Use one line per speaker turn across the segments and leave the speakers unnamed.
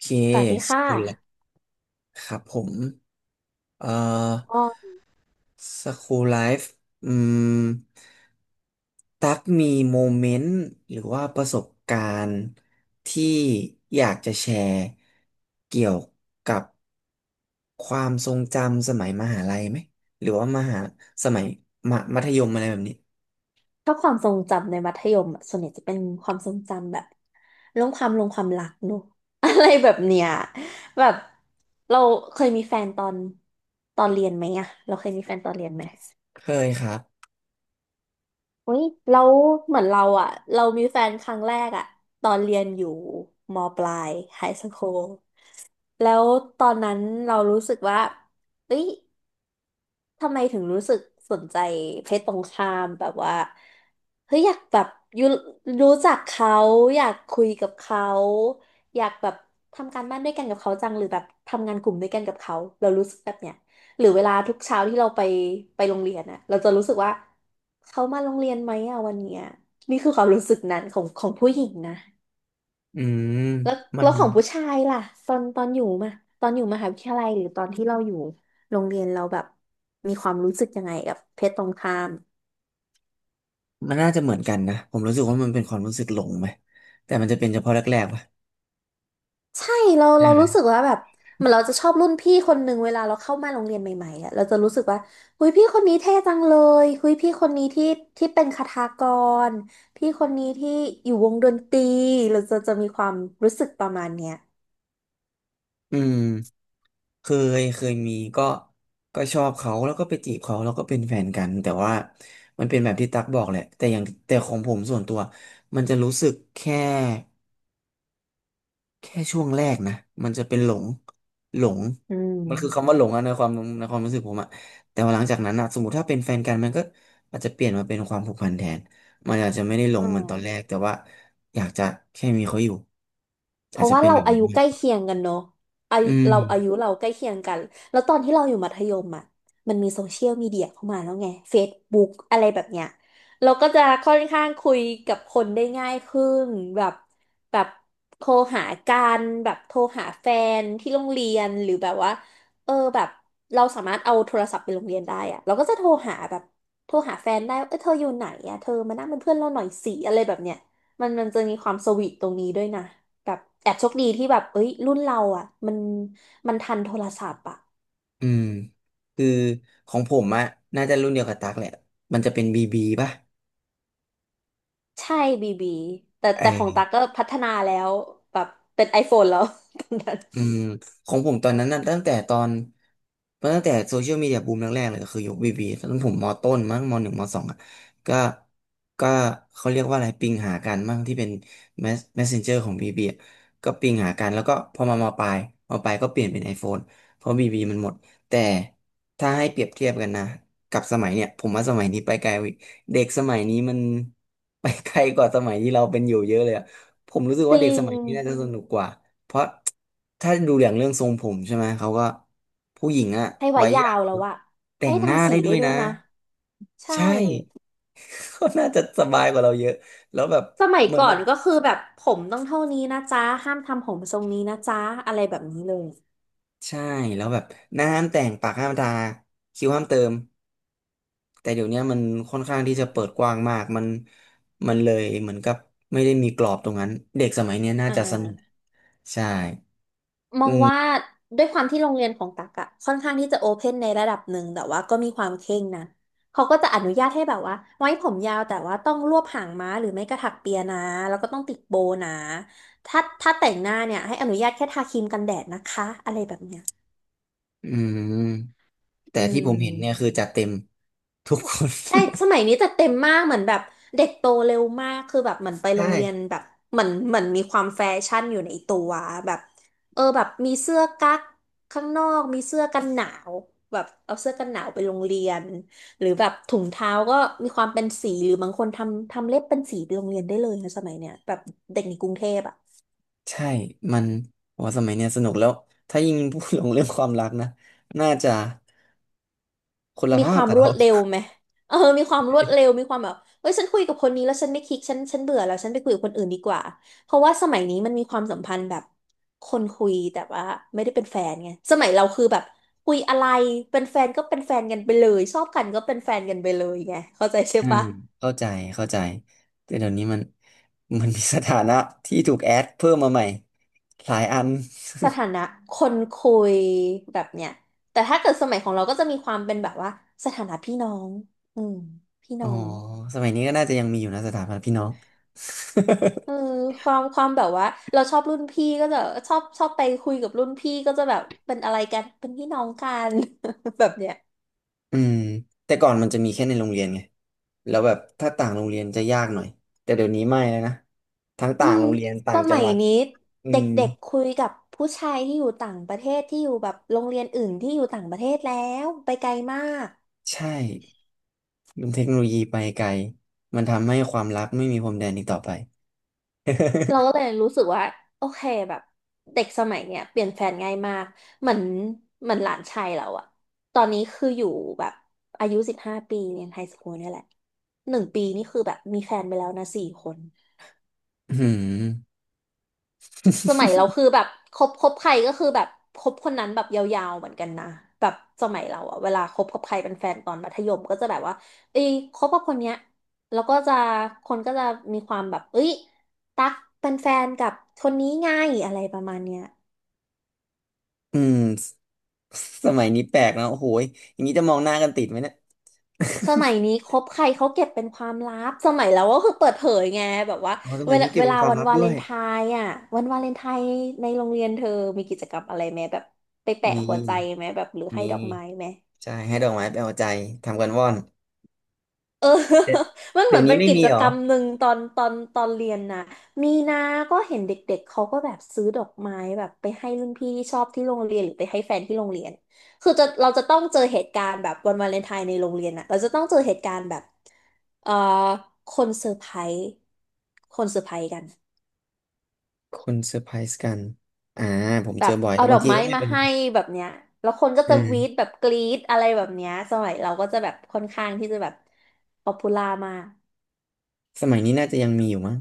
เค
สวัสดี
ส
ค่ะ
กุลครับผม เอ่อ
ก็
สคูลไลฟ์อืม ตักมีโมเมนต์หรือว่าประสบการณ์ที่อยากจะแชร์เกี่ยวกับความทรงจำสมัยมหาลัยไหมหรือว่ามหาสมัยมมัธยมอะไรแบบนี้
ชอบความทรงจำในมัธยมอะส่วนใหญ่จะเป็นความทรงจำแบบเรื่องความลงความรักเนอะ อะไรแบบเนี้ยแบบเราเคยมีแฟนตอนเรียนไหมอะเราเคยมีแฟนตอนเรียนไหม
เคยครับ
อุ้ยเราเหมือนเราอะเรามีแฟนครั้งแรกอะตอนเรียนอยู่มปลายไฮสคูลแล้วตอนนั้นเรารู้สึกว่าเอ้ย ทำไมถึงรู้สึกสนใจเพศตรงข้ามแบบว่าเฮ้ยอยากแบบยูรู้จักเขาอยากคุยกับเขาอยากแบบทำการบ้านด้วยกันกับเขาจังหรือแบบทำงานกลุ่มด้วยกันกับเขาเรารู้สึกแบบเนี้ยหรือเวลาทุกเช้าที่เราไปโรงเรียนอะเราจะรู้สึกว่าเขามาโรงเรียนไหมอะวันเนี้ยนี่คือความรู้สึกนั้นของผู้หญิงนะ
อืม
แล้ว
มั
แล้
น
วของผู้ชายล่ะตอนอยู่มาตอนอยู่มหาวิทยาลัยหรือตอนที่เราอยู่โรงเรียนเราแบบมีความรู้สึกยังไงกับเพศตรงข้าม
มันน่าจะเหมือนกันนะผมรู้สึกว่ามันเป็นความรู้สึกหลงไหมแต่มันจะเป็นเฉพาะแรกๆป่ะ
ใช่เรารู้สึกว่าแบบเหมือนเราจะชอบรุ่นพี่คนหนึ่งเวลาเราเข้ามาโรงเรียนใหม่ๆอ่ะเราจะรู้สึกว่าหุยพี่คนนี้เท่จังเลยหุยพี่คนนี้ที่ที่เป็นคทากรพี่คนนี้ที่อยู่วงดนตรีเราจะมีความรู้สึกประมาณเนี้ย
อืมเคเคยมีก็ชอบเขาแล้วก็ไปจีบเขาแล้วก็เป็นแฟนกันแต่ว่ามันเป็นแบบที่ตั๊กบอกแหละแต่อย่างแต่ของผมส่วนตัวมันจะรู้สึกแค่ช่วงแรกนะมันจะเป็นหลงหลง
อื
มันคือคำ
ม
ว่าหลงอะในความรู้สึกผมอะแต่ว่าหลังจากนั้นอะสมมติถ้าเป็นแฟนกันมันก็อาจจะเปลี่ยนมาเป็นความผูกพันแทนมันอาจจะไม่ได้หล
อื
งเหมือน
ม
ตอนแรกแต่ว่าอยากจะแค่มีเขาอยู่
เพ
อาจ
ราะ
จะ
ว่า
เป็น
เรา
แบบ
อา
นั้น
ยุใก
มาก
ล้
กว่า
เคียงกันเนาะอา
อื
ยุเราอายุ
ม
เราใกล้เคียงกันแล้วตอนที่เราอยู่มัธยมอ่ะมันมีโซเชียลมีเดียเข้ามาแล้วไง Facebook อะไรแบบเนี้ยเราก็จะค่อนข้างคุยกับคนได้ง่ายขึ้นแบบแบบโทรหากันแบบโทรหาแฟนที่โรงเรียนหรือแบบว่าเออแบบเราสามารถเอาโทรศัพท์ไปโรงเรียนได้อะเราก็จะโทรหาแบบโทรหาแฟนได้ว่าเออเธออยู่ไหนอะเธอมานั่งเป็นเพื่อนเราหน่อยสิอะไรแบบเนี้ยมันจะมีความสวีทตรงนี้ด้วยนะ แบบแอบโชคดีที่แบบเอ้ยรุ่นเราอ่ะมันมันทันโทรศัพท์อ่ะ
อืมคือของผมอะน่าจะรุ่นเดียวกับตักแหละมันจะเป็นบีบีป่ะ
ใช่บีบีแต่
ไอ
แต่ของตาก็
อ
พัฒนาแล้วแบบเป็น iPhone แล้ว ตอนนั้น
อืมของผมตอนนั้นน่ะตั้งแต่ตอนตั้งแต่โซเชียลมีเดียบูมแรกๆเลยก็คือยุคบีบีตอนนั้นผมมอต้นมั้งมหนึ่งมสองอ่ะก็ก็เขาเรียกว่าอะไรปิงหากันมั้งที่เป็นแมสเมสเซนเจอร์ของบีบีก็ปิงหากันแล้วก็พอมามอปลายก็เปลี่ยนเป็น iPhone เพราะบีบีมันหมดแต่ถ้าให้เปรียบเทียบกันนะกับสมัยเนี่ยผมว่าสมัยนี้ไปไกลกว่าอีกเด็กสมัยนี้มัน ไปไกลกว่าสมัยที่เราเป็นอยู่เยอะเลยอะ ผมรู้สึก
จ
ว่าเด็
ริ
กส
ง
มัยนี้น่าจะสนุกกว่าเพราะถ้าดูอย่างเรื่องทรงผมใช่ไหมเขาก็ผู้หญิงอะ
ให้ไว้
ไว้
ยา
ยา
ว
ว
แล้วอะ
แต่
ให้
งหน้า
ทำสี
ได้ด้
ได้
วย
ด้ว
นะ
ยนะใช่
ใช่ ก็น่าจะสบายกว่าเราเยอะแล้วแบบ
สมัย
เหมือน
ก่อ
มัน
นก็คือแบบผมต้องเท่านี้นะจ๊ะห้ามทำผมทรงนี้นะจ๊ะอะไรแบบนี้เลย
ใช่แล้วแบบหน้าห้ามแต่งปากห้ามทาคิ้วห้ามเติมแต่เดี๋ยวเนี้ยมันค่อนข้างที่จะเปิดกว้างมากมันเลยเหมือนกับไม่ได้มีกรอบตรงนั้นเด็กสมัยเนี้ยน่า
อ่
จะสนุก
า
ใช่
มอ
อื
ง
ม
ว่าด้วยความที่โรงเรียนของตักอะค่อนข้างที่จะโอเพนในระดับหนึ่งแต่ว่าก็มีความเคร่งนะเขาก็จะอนุญาตให้แบบว่าไว้ผมยาวแต่ว่าต้องรวบหางม้าหรือไม่กระถักเปียนะแล้วก็ต้องติดโบว์นะถ้าแต่งหน้าเนี่ยให้อนุญาตแค่ทาครีมกันแดดนะคะอะไรแบบเนี้ย
อืม แต่
อื
ที่ผมเห็นเนี่ย
ม
คือจัดเต็ม ทุกคน
ใช่สมัยนี้จะเต็มมากเหมือนแบบเด็กโตเร็วมากคือแบบเหมือนไป โร
ใช่
งเรียนแบบเหมือนเหมือนมีความแฟชั่นอยู่ในตัวแบบเออแบบมีเสื้อกั๊กข้างนอกมีเสื้อกันหนาวแบบเอาเสื้อกันหนาวไปโรงเรียนหรือแบบถุงเท้าก็มีความเป็นสีหรือบางคนทำเล็บเป็นสีไปโรงเรียนได้เลยนะสมัยเนี้ยแบบเด็กในกรุงเทพอะ
ใช่มันโอ้สมัยเนี่ยสนุกแล้วถ้ายิ่งพูดลงเรื่องความรักนะน่าจะคนละ
มี
ภา
ค
พ
วาม
กับ
ร
เรา
วดเร็วไหมเออมีความรวดเร็วมีความแบบเฮ้ยฉันคุยกับคนนี้แล้วฉันไม่คลิกฉันเบื่อแล้วฉันไปคุยกับคนอื่นดีกว่าเพราะว่าสมัยนี้มันมีความสัมพันธ์แบบคนคุยแต่ว่าไม่ได้เป็นแฟนไงสมัยเราคือแบบคุยอะไรเป็นแฟนก็เป็นแฟนกันไปเลย ชอบกันก็เป็นแฟนกันไปเลยไงเข้าใจใช่
อืม
ปะ
เข้าใจเข้าใจแต่เดี๋ยวนี้มันมีสถานะที่ถูกแอดเพิ่มมาใหม่หลายอัน
สถานะคนคุยแบบเนี้ยแต่ถ้าเกิดสมัยของเราก็จะมีความเป็นแบบว่าสถานะพี่น้องอืมพี่
อ๋
น้
อ
อง
สมัยนี้ก็น่าจะยังมีอยู่นะสถาบันะพี่น้อง
เออ ความความแบบว่าเราชอบรุ่นพี่ก็จะชอบไปคุยกับรุ่นพี่ก็จะแบบเป็นอะไรกันเป็นพี่น้องกัน แบบเนี้ย
อืมแต่ก่อนมันจะมีแค่ในโรงเรียนไงแล้วแบบถ้าต่างโรงเรียนจะยากหน่อยแต่เดี๋ยวนี้ไม่แล้วนะทั้ง
อื
ต่าง
ม
โรงเรียนต่า
ส
งจั
มั
ง
ย
หวัด
นี้
อื
เด
ม
็กๆคุยกับผู้ชายที่อยู่ต่างประเทศที่อยู่แบบโรงเรียนอื่นที่อยู่ต่างประเทศแล้วไปไกลมาก
ใช่มันเทคโนโลยีไปไกลมันทำให้ความลับไม่มีพรมแดนอีกต่อไป
เราก็เล ยรู้สึกว่าโอเคแบบเด็กสมัยเนี้ยเปลี่ยนแฟนง่ายมากเหมือนเหมือนหลานชายเราอะตอนนี้คืออยู่แบบอายุ15 ปีเรียนไฮสคูลเนี่ยแหละ1 ปีนี่คือแบบมีแฟนไปแล้วนะ4 คน
อืม
สมัยเราคือแบบคบใครก็คือแบบคบคนนั้นแบบยาวๆเหมือนกันนะแบบสมัยเราอะเวลาคบกับใครเป็นแฟนตอนมัธยมก็จะแบบว่าเอ้ยคบกับคนเนี้ยแล้วก็จะคนก็จะมีความแบบเอ้ยตั๊กเป็นแฟนกับคนนี้ไง่ายอะไรประมาณเนี้ย
สมัยนี้แปลกนะโอ้โหยอย่างนี้จะมองหน้ากันติดไหมเนี่ย
สมัยนี้คบใครเขาเก็บเป็นความลับสมัยเราก็คือเปิดเผยไงแบบว่า
อ๋อส
เว
มัย
ลา
นี้เก็บ
เว
เป็น
ลา
ความ
วัน
ลับ
วา
ด้
เล
วย
นไทน์อ่ะวันวาเลนไทน์ในโรงเรียนเธอมีกิจกรรมอะไรไหมแบบไปแปะ
มี
หัวใจไหมแบบหรือให้
มี
ดอกไม้ไหม
ใช่ให้ดอกไม้ไปเอาใจทำกันว่อน
เออ
เดี๋ยว
มันเห
เดี๋
มื
ย
อ
ว
น
นี้
เป็น
ไม่
กิ
มี
จ
เหร
ก
อ
รรมหนึ่งตอนเรียนนะมีนาก็เห็นเด็กๆเขาก็แบบซื้อดอกไม้แบบไปให้รุ่นพี่ที่ชอบที่โรงเรียนหรือไปให้แฟนที่โรงเรียนคือจะเราจะต้องเจอเหตุการณ์แบบวันวาเลนไทน์ในโรงเรียนอะเราจะต้องเจอเหตุการณ์แบบเอ่อคนเซอร์ไพรส์คนเซอร์ไพรส์กัน
คนเซอร์ไพรส์กันอ่าผม
แบ
เจอ
บ
บ่อย
เอา
แล้ว
ด
บา
อ
ง
ก
ที
ไม้
ก็ไม่
มา
เป็น
ให้แบบเนี้ยแล้วคนก็
อื
จะวีด
ม
แบบกรี๊ดอะไรแบบเนี้ยสมัยเราก็จะแบบค่อนข้างที่จะแบบป๊อปปูล่ามาก
สมัยนี้น่าจะยังมีอยู่มั้ง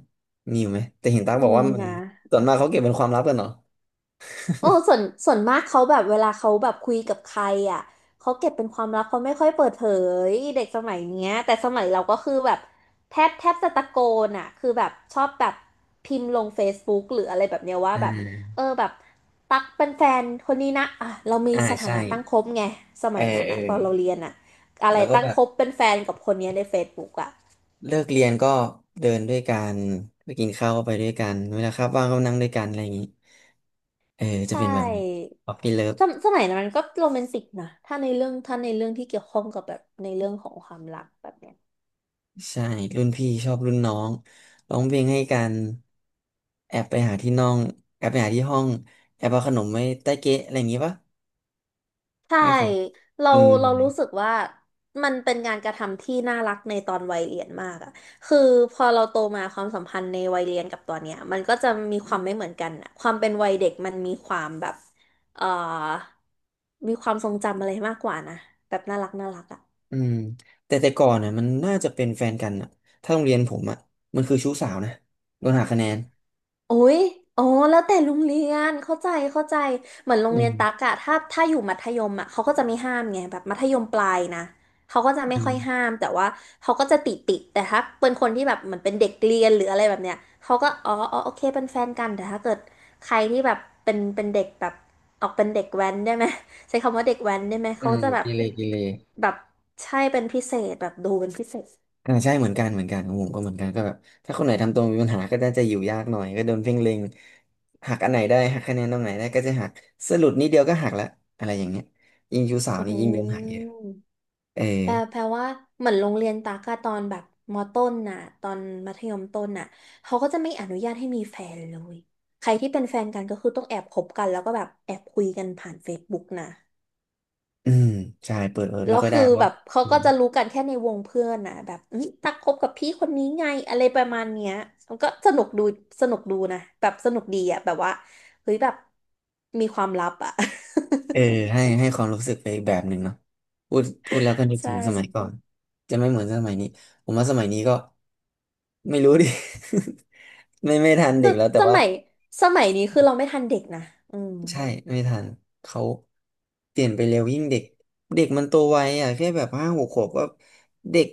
มีอยู่ไหมแต่เห็นตั๊กบอก
มี
ว่ามัน
นะ
ส่วนมากเขาเก็บเป็นความลับกันเหรอ
โอ้ส่วนมากเขาแบบเวลาเขาแบบคุยกับใครอ่ะเขาเก็บเป็นความลับเขาไม่ค่อยเปิดเผยเด็กสมัยเนี้ยแต่สมัยเราก็คือแบบแทบจะตะโกนอ่ะคือแบบชอบแบบพิมพ์ลง Facebook หรืออะไรแบบเนี้ยว่า
อ่
แบบ
า
เออแบบตักเป็นแฟนคนนี้นะอ่ะเรามี
อ่า
สถา
ใช่
นะตั้งคบไงส
เออ
มัยนั้น
เออ
อ่ะตอนเราเรียนอ่ะอะไร
แล้วก็
ตั้
แบ
ง
บ
คบเป็นแฟนกับคนเนี้ยใน Facebook อ่ะ
เลิกเรียนก็เดินด้วยกันไปกินข้าวก็ไปด้วยกันเวลาครับว่างก็นั่งด้วยกันอะไรอย่างนี้เออจะ
ใช่
เป็นแบบนี้ป๊อปปี้เลิฟ
สมัยนั้นมันก็โรแมนติกนะถ้าในเรื่องที่เกี่ยวข้องกับแบบในเรื่องของความรักแบบเนี้ย
ใช่รุ่นพี่ชอบรุ่นน้องร้องเพลงให้กันแอบไปหาที่น้องแอบไปหาที่ห้องแอบเอาขนมไว้ใต้เก๊ะอะไรอย่างงี้ปะ
ใช่
ให้เขา
เรา
อืม
เรารู้สึกว่ามันเป็นงานกระทำที่น่ารักในตอนวัยเรียนมากอะคือพอเราโตมาความสัมพันธ์ในวัยเรียนกับตอนเนี้ยมันก็จะมีความไม่เหมือนกันอะความเป็นวัยเด็กมันมีความแบบเอ่อมีความทรงจำอะไรมากกว่านะแบบน่ารักน่ารักอะ
อืมแต่แต่ก่อนน่ะมันน่าจะเป็นแฟนกันอ่ะถ้าโรงเรียนผมอ่ะมันคือชู้สาวนะโดนหักคะแนน
โอ้ยอ๋อแล้วแต่โรงเรียน เข้าใจเหมือนโร
อื
งเรียน
ม
ตักอะถ้าอยู่มัธยมอะเขาก็จะไม่ห้ามไงแบบมัธยมปลายนะเขาก็จะไม่
อื
ค่อย
ม
ห้ามแต่ว่าเขาก็จะติด แต่ถ้าเป็นคนที่แบบเหมือนเป็นเด็กเรียนหรืออะไรแบบเนี้ยเขาก็อ๋อโอเคเป็นแฟนกันแต่ถ้าเกิดใครที่แบบเป็นเด็กแบบออกเป็นเด็กแว้นได้ไหมใช้คำว่าเด็กแว้นได้ไหม
อื
เขา
ม
จะแบบ
กิเลกิเล
แบบใช่เป็นพิเศษแบบดูเป็นพิเศษ
อ่าใช่เหมือนกันเหมือนกันของผมก็เหมือนกันก็แบบถ้าคนไหนทำตัวมีปัญหาก็น่าจะอยู่ยากหน่อยก็โดนเพ่งเล็งหักอันไหนได้หักคะแนนตรงไหนได้ก็จะหักสรุปนิดเดียวก็หักละอะไรอย่างเงี้ยยิ่งชู้สาวนี่ยิ่งโดน
อื
หักเยอะ
ม
เออ
แปลว่าเหมือนโรงเรียนตากอะตอนแบบมต้นน่ะตอนมัธยมต้นน่ะเขาก็จะไม่อนุญาตให้มีแฟนเลยใครที่เป็นแฟนกันก็คือต้องแอบคบกันแล้วก็แบบแอบคุยกันผ่าน Facebook นะ
อืมใช่เปิดเผย
แล้
ไม่
ว
ค่อยได้
คือ
เพราะ
แบ
ว่า
บเขาก็จะรู้กันแค่ในวงเพื่อนน่ะแบบอุ๊ยตักคบกับพี่คนนี้ไงอะไรประมาณเนี้ยมันก็สนุกดูสนุกดูนะแบบสนุกดีอะแบบว่าเฮ้ยแบบมีความลับอะ
เออให้ให้ความรู้สึกไปอีกแบบหนึ่งเนาะพูดแล้วก็นึ ก
ใช
ถึงสมัยก่อน
่
จะไม่เหมือนสมัยนี้ผมว่าสมัยนี้ก็ไม่รู้ดิ ไม่ทัน
ส
เด็กแล้วแต่
ส
ว่า
มัยสมัยนี้คือเราไม่ทันเด็กนะอืม
ใช่ไม่ทันเขาเปลี่ยนไปเร็วยิ่งเด็กเด็กมันโตไวอ่ะแค่แบบห้าหกขวบก็เด็ก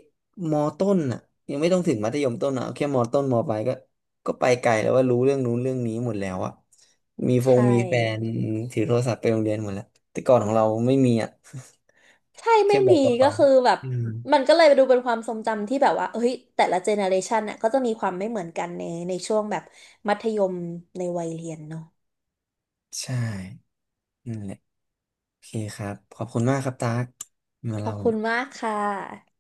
มอต้นอ่ะยังไม่ต้องถึงมัธยมต้นอ่ะเอาแค่มอต้นมอปลายก็ก็ไปไกลแล้วว่ารู้เรื่องนู้นเรื่องนี้หมดแล้วอ่ะมีฟง
ใช่
มีแฟนถือโทรศัพท์ไปโรงเรียนหมดแล้วแต่ก่อนของเราไม่มีอ่ะ
ใช่
แค่
ไม่
แบ
มี
กกระ
ก็
เป๋า
คือแบบ
อืม
มันก็เลยดูเป็นความทรงจำที่แบบว่าเฮ้ยแต่ละเจเนอเรชันน่ะก็จะมีความไม่เหมือนกันในในช่วงแบบมัธยมในวัยเรียนเนาะ
ใช่นั่นแหละโอเคครับขอบคุณมากครับตากมา
ขอ
เล่า
บคุณมากค่ะ